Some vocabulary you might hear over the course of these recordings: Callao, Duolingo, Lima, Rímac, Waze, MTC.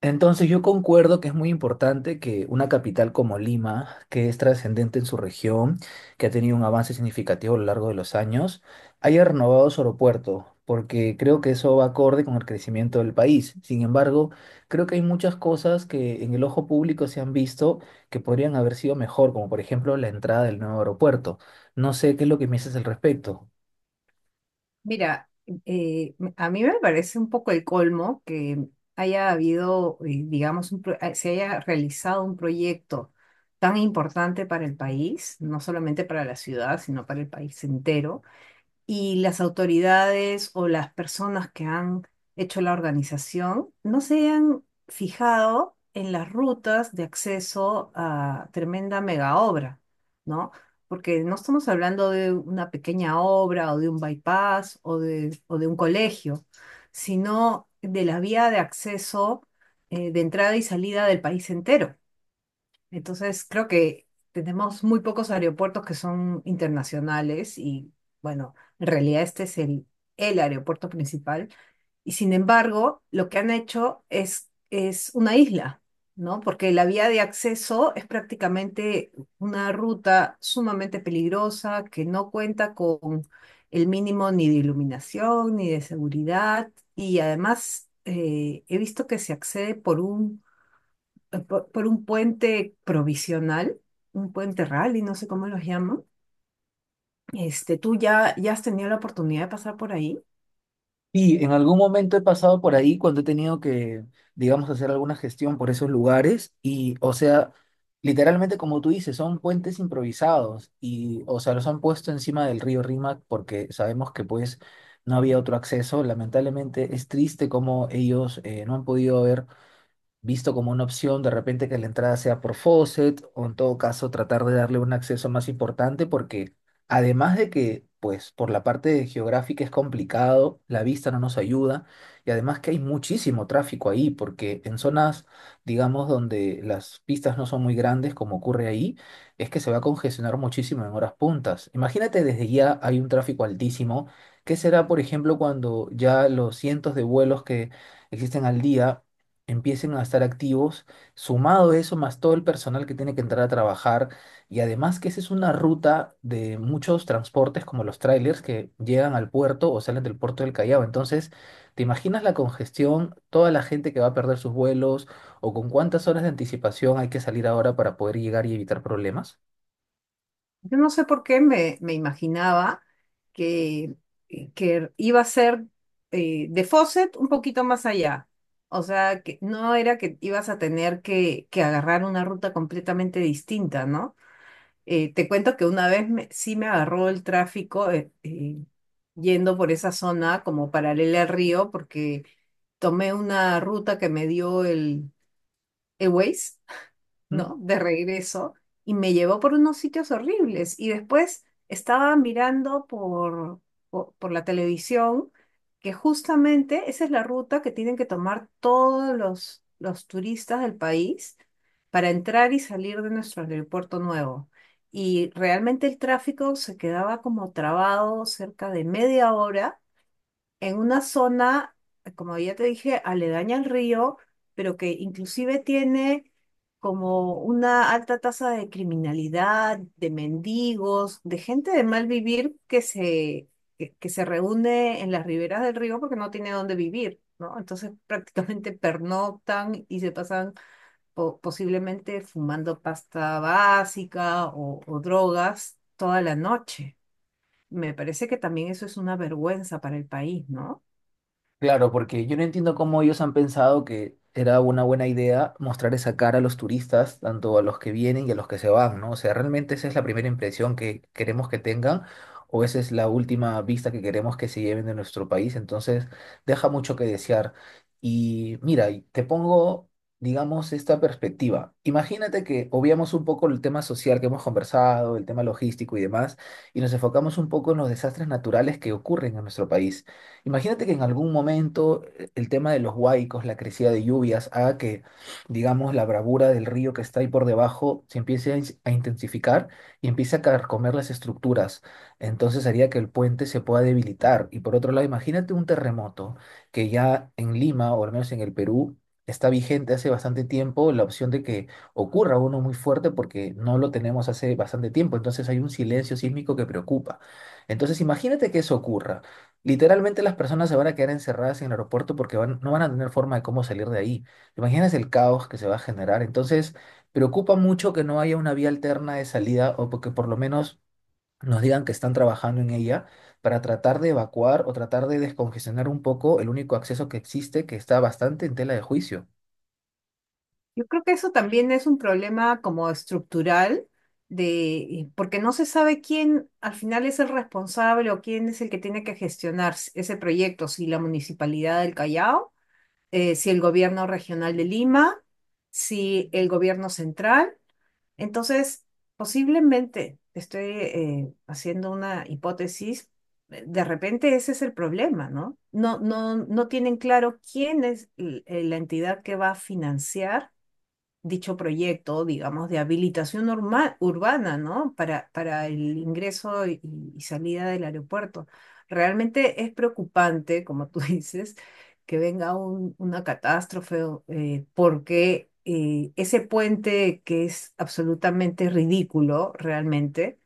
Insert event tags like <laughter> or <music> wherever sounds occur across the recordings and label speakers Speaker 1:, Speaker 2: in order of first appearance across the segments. Speaker 1: Entonces yo concuerdo que es muy importante que una capital como Lima, que es trascendente en su región, que ha tenido un avance significativo a lo largo de los años, haya renovado su aeropuerto, porque creo que eso va acorde con el crecimiento del país. Sin embargo, creo que hay muchas cosas que en el ojo público se han visto que podrían haber sido mejor, como por ejemplo la entrada del nuevo aeropuerto. No sé qué es lo que me dices al respecto.
Speaker 2: Mira, a mí me parece un poco el colmo que haya habido, digamos, se haya realizado un proyecto tan importante para el país, no solamente para la ciudad, sino para el país entero, y las autoridades o las personas que han hecho la organización no se han fijado en las rutas de acceso a tremenda mega obra, ¿no? Porque no estamos hablando de una pequeña obra o de un bypass o de un colegio, sino de la vía de acceso, de entrada y salida del país entero. Entonces, creo que tenemos muy pocos aeropuertos que son internacionales y, bueno, en realidad el aeropuerto principal. Y sin embargo, lo que han hecho es una isla, ¿no? Porque la vía de acceso es prácticamente una ruta sumamente peligrosa que no cuenta con el mínimo ni de iluminación ni de seguridad. Y además, he visto que se accede por un puente provisional, un puente rally, no sé cómo los llaman. Este, ya has tenido la oportunidad de pasar por ahí?
Speaker 1: Y en algún momento he pasado por ahí cuando he tenido que, digamos, hacer alguna gestión por esos lugares y, o sea, literalmente como tú dices, son puentes improvisados y, o sea, los han puesto encima del río Rímac porque sabemos que pues no había otro acceso. Lamentablemente es triste como ellos no han podido ver visto como una opción de repente que la entrada sea por faucet o en todo caso tratar de darle un acceso más importante porque además de que pues por la parte geográfica es complicado, la vista no nos ayuda y además que hay muchísimo tráfico ahí porque en zonas digamos donde las pistas no son muy grandes como ocurre ahí es que se va a congestionar muchísimo en horas puntas. Imagínate, desde ya hay un tráfico altísimo. ¿Qué será, por ejemplo, cuando ya los cientos de vuelos que existen al día empiecen a estar activos, sumado a eso, más todo el personal que tiene que entrar a trabajar, y además que esa es una ruta de muchos transportes como los trailers que llegan al puerto o salen del puerto del Callao? Entonces, ¿te imaginas la congestión, toda la gente que va a perder sus vuelos o con cuántas horas de anticipación hay que salir ahora para poder llegar y evitar problemas?
Speaker 2: Yo no sé por qué me imaginaba que, que iba a ser de Fawcett un poquito más allá. O sea, que no era que ibas a tener que agarrar una ruta completamente distinta, ¿no? Te cuento que una vez sí me agarró el tráfico yendo por esa zona como paralela al río, porque tomé una ruta que me dio el Waze,
Speaker 1: ¿Mm?
Speaker 2: ¿no? De regreso y me llevó por unos sitios horribles. Y después estaba mirando por la televisión que justamente esa es la ruta que tienen que tomar todos los turistas del país para entrar y salir de nuestro aeropuerto nuevo. Y realmente el tráfico se quedaba como trabado cerca de 1/2 hora en una zona, como ya te dije, aledaña al río, pero que inclusive tiene como una alta tasa de criminalidad, de mendigos, de gente de mal vivir que se reúne en las riberas del río porque no tiene dónde vivir, ¿no? Entonces <laughs> prácticamente pernoctan y se pasan posiblemente fumando pasta básica o drogas toda la noche. Me parece que también eso es una vergüenza para el país, ¿no?
Speaker 1: Claro, porque yo no entiendo cómo ellos han pensado que era una buena idea mostrar esa cara a los turistas, tanto a los que vienen y a los que se van, ¿no? O sea, ¿realmente esa es la primera impresión que queremos que tengan o esa es la última vista que queremos que se lleven de nuestro país? Entonces, deja mucho que desear. Y mira, y te pongo, digamos, esta perspectiva. Imagínate que obviamos un poco el tema social que hemos conversado, el tema logístico y demás, y nos enfocamos un poco en los desastres naturales que ocurren en nuestro país. Imagínate que en algún momento el tema de los huaicos, la crecida de lluvias, haga que, digamos, la bravura del río que está ahí por debajo se empiece a, a intensificar y empiece a carcomer las estructuras. Entonces haría que el puente se pueda debilitar. Y por otro lado, imagínate un terremoto, que ya en Lima, o al menos en el Perú, está vigente hace bastante tiempo la opción de que ocurra uno muy fuerte porque no lo tenemos hace bastante tiempo. Entonces hay un silencio sísmico que preocupa. Entonces imagínate que eso ocurra. Literalmente las personas se van a quedar encerradas en el aeropuerto porque no van a tener forma de cómo salir de ahí. Imaginas el caos que se va a generar. Entonces, preocupa mucho que no haya una vía alterna de salida o porque por lo menos nos digan que están trabajando en ella para tratar de evacuar o tratar de descongestionar un poco el único acceso que existe, que está bastante en tela de juicio.
Speaker 2: Yo creo que eso también es un problema como estructural de porque no se sabe quién al final es el responsable o quién es el que tiene que gestionar ese proyecto, si la Municipalidad del Callao, si el gobierno regional de Lima, si el gobierno central. Entonces, posiblemente estoy haciendo una hipótesis, de repente ese es el problema, ¿no? No tienen claro quién la entidad que va a financiar dicho proyecto, digamos, de habilitación urbana, ¿no? Para el ingreso y salida del aeropuerto. Realmente es preocupante, como tú <laughs> dices, que venga una catástrofe o, porque ese puente que es absolutamente ridículo, realmente,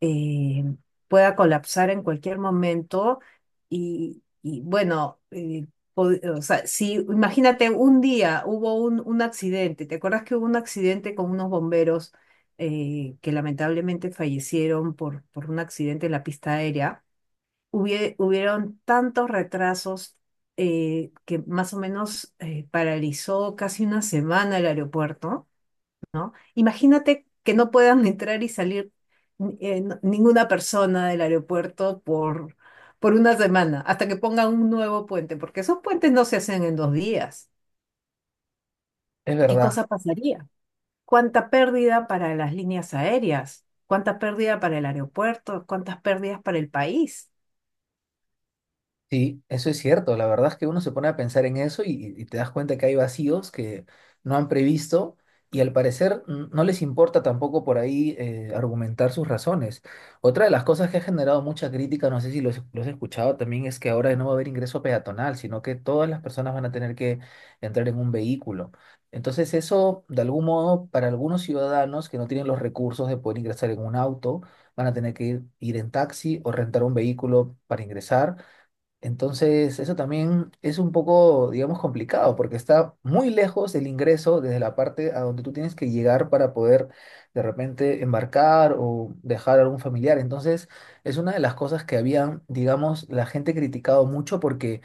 Speaker 2: eh, pueda colapsar en cualquier momento bueno, po- o sea, si imagínate un día hubo un accidente. ¿Te acuerdas que hubo un accidente con unos bomberos, que lamentablemente fallecieron por un accidente en la pista aérea? Hubieron tantos retrasos, que más o menos, paralizó casi una semana el aeropuerto. Imagínate que no puedan entrar y salir, ninguna persona del aeropuerto por una semana, hasta que pongan un nuevo puente, porque esos puentes no se hacen en dos días.
Speaker 1: Es
Speaker 2: ¿Qué
Speaker 1: verdad.
Speaker 2: cosa pasaría? ¿Cuánta pérdida para las líneas aéreas? ¿Cuánta pérdida para el aeropuerto? ¿Cuántas pérdidas para el país?
Speaker 1: Sí, eso es cierto. La verdad es que uno se pone a pensar en eso y te das cuenta que hay vacíos que no han previsto y al parecer no les importa tampoco por ahí argumentar sus razones. Otra de las cosas que ha generado mucha crítica, no sé si lo has escuchado también, es que ahora no va a haber ingreso peatonal, sino que todas las personas van a tener que entrar en un vehículo. Entonces eso, de algún modo, para algunos ciudadanos que no tienen los recursos de poder ingresar en un auto, van a tener que ir en taxi o rentar un vehículo para ingresar. Entonces, eso también es un poco, digamos, complicado porque está muy lejos el ingreso desde la parte a donde tú tienes que llegar para poder de repente embarcar o dejar a algún familiar. Entonces, es una de las cosas que habían, digamos, la gente criticado mucho porque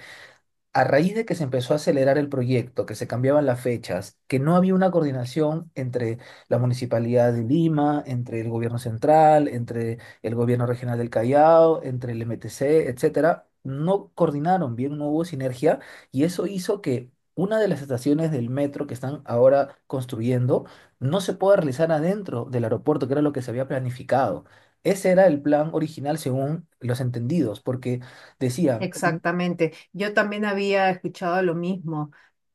Speaker 1: a raíz de que se empezó a acelerar el proyecto, que se cambiaban las fechas, que no había una coordinación entre la Municipalidad de Lima, entre el gobierno central, entre el gobierno regional del Callao, entre el MTC, etcétera, no coordinaron bien, no hubo sinergia y eso hizo que una de las estaciones del metro que están ahora construyendo no se pueda realizar adentro del aeropuerto, que era lo que se había planificado. Ese era el plan original según los entendidos, porque decía.
Speaker 2: Exactamente. Yo también había escuchado lo mismo.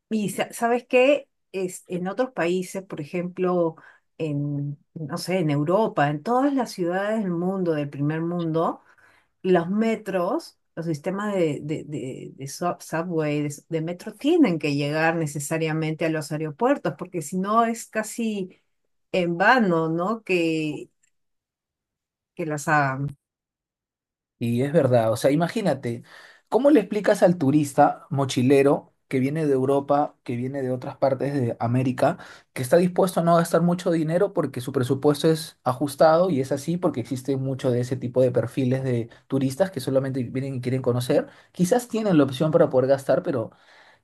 Speaker 2: Y sabes qué, es, en otros países, por ejemplo, en, no sé, en Europa, en todas las ciudades del mundo, del primer mundo, los metros, los sistemas subway, de metro, tienen que llegar necesariamente a los aeropuertos, porque si no es casi en vano, ¿no? Que las hagan.
Speaker 1: Y es verdad, o sea, imagínate, ¿cómo le explicas al turista mochilero que viene de Europa, que viene de otras partes de América, que está dispuesto a no gastar mucho dinero porque su presupuesto es ajustado y es así porque existe mucho de ese tipo de perfiles de turistas que solamente vienen y quieren conocer? Quizás tienen la opción para poder gastar, pero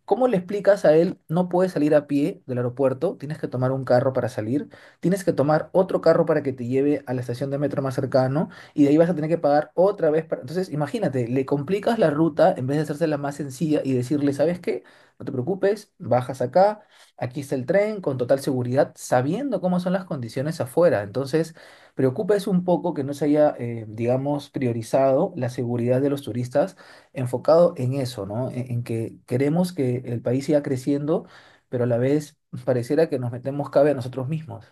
Speaker 1: ¿cómo le explicas a él? No puedes salir a pie del aeropuerto, tienes que tomar un carro para salir, tienes que tomar otro carro para que te lleve a la estación de metro más cercano y de ahí vas a tener que pagar otra vez para... Entonces, imagínate, le complicas la ruta en vez de hacérsela más sencilla y decirle, ¿sabes qué? No te preocupes, bajas acá, aquí está el tren con total seguridad, sabiendo cómo son las condiciones afuera. Entonces, preocupa es un poco que no se haya, digamos, priorizado la seguridad de los turistas enfocado en eso, ¿no? En que queremos que el país siga creciendo, pero a la vez pareciera que nos metemos cabe a nosotros mismos.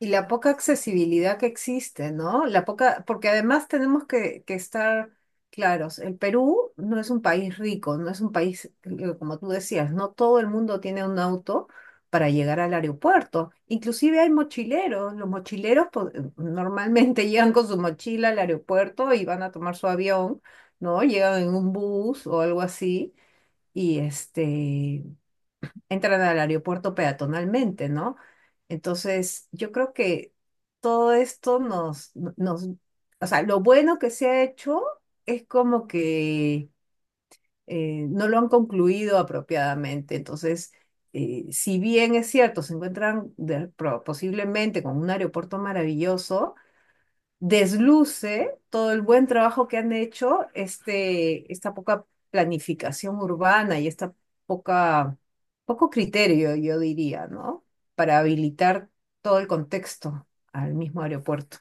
Speaker 2: Y la poca accesibilidad que existe, ¿no? La poca, porque además tenemos que estar claros, el Perú no es un país rico, no es un país, como tú decías, no todo el mundo tiene un auto para llegar al aeropuerto. Inclusive hay mochileros, los mochileros normalmente <laughs> llegan con su mochila al aeropuerto y van a tomar su avión, ¿no? Llegan en un bus o algo así. Y este, entran al aeropuerto peatonalmente, ¿no? Entonces, yo creo que todo esto o sea, lo bueno que se ha hecho es como que, no lo han concluido apropiadamente. Entonces, si bien es cierto, se encuentran posiblemente con un aeropuerto maravilloso, desluce todo el buen trabajo que han hecho, este, esta poca planificación urbana y esta poca, poco criterio, yo diría, ¿no? Para habilitar todo el contexto al mismo aeropuerto.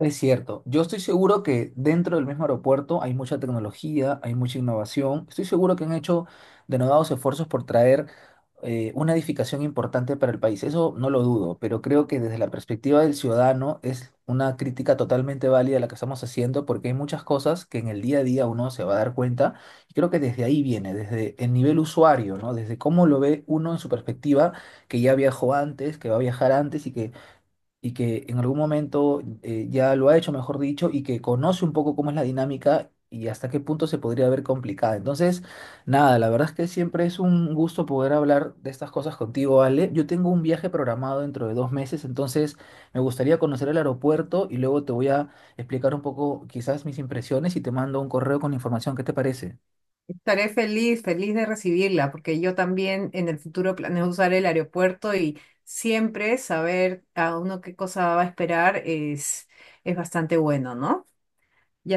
Speaker 1: Es cierto, yo estoy seguro que dentro del mismo aeropuerto hay mucha tecnología, hay mucha innovación. Estoy seguro que han hecho denodados esfuerzos por traer una edificación importante para el país. Eso no lo dudo, pero creo que desde la perspectiva del ciudadano es una crítica totalmente válida la que estamos haciendo porque hay muchas cosas que en el día a día uno se va a dar cuenta y creo que desde ahí viene, desde el nivel usuario, ¿no? Desde cómo lo ve uno en su perspectiva, que ya viajó antes, que va a viajar antes y que en algún momento ya lo ha hecho, mejor dicho, y que conoce un poco cómo es la dinámica y hasta qué punto se podría ver complicada. Entonces, nada, la verdad es que siempre es un gusto poder hablar de estas cosas contigo, Ale. Yo tengo un viaje programado dentro de 2 meses, entonces me gustaría conocer el aeropuerto y luego te voy a explicar un poco quizás mis impresiones y te mando un correo con información. ¿Qué te parece?
Speaker 2: Estaré feliz, feliz de recibirla, porque yo también en el futuro planeo usar el aeropuerto, y siempre saber a uno qué cosa va a esperar es bastante bueno, ¿no? Ya.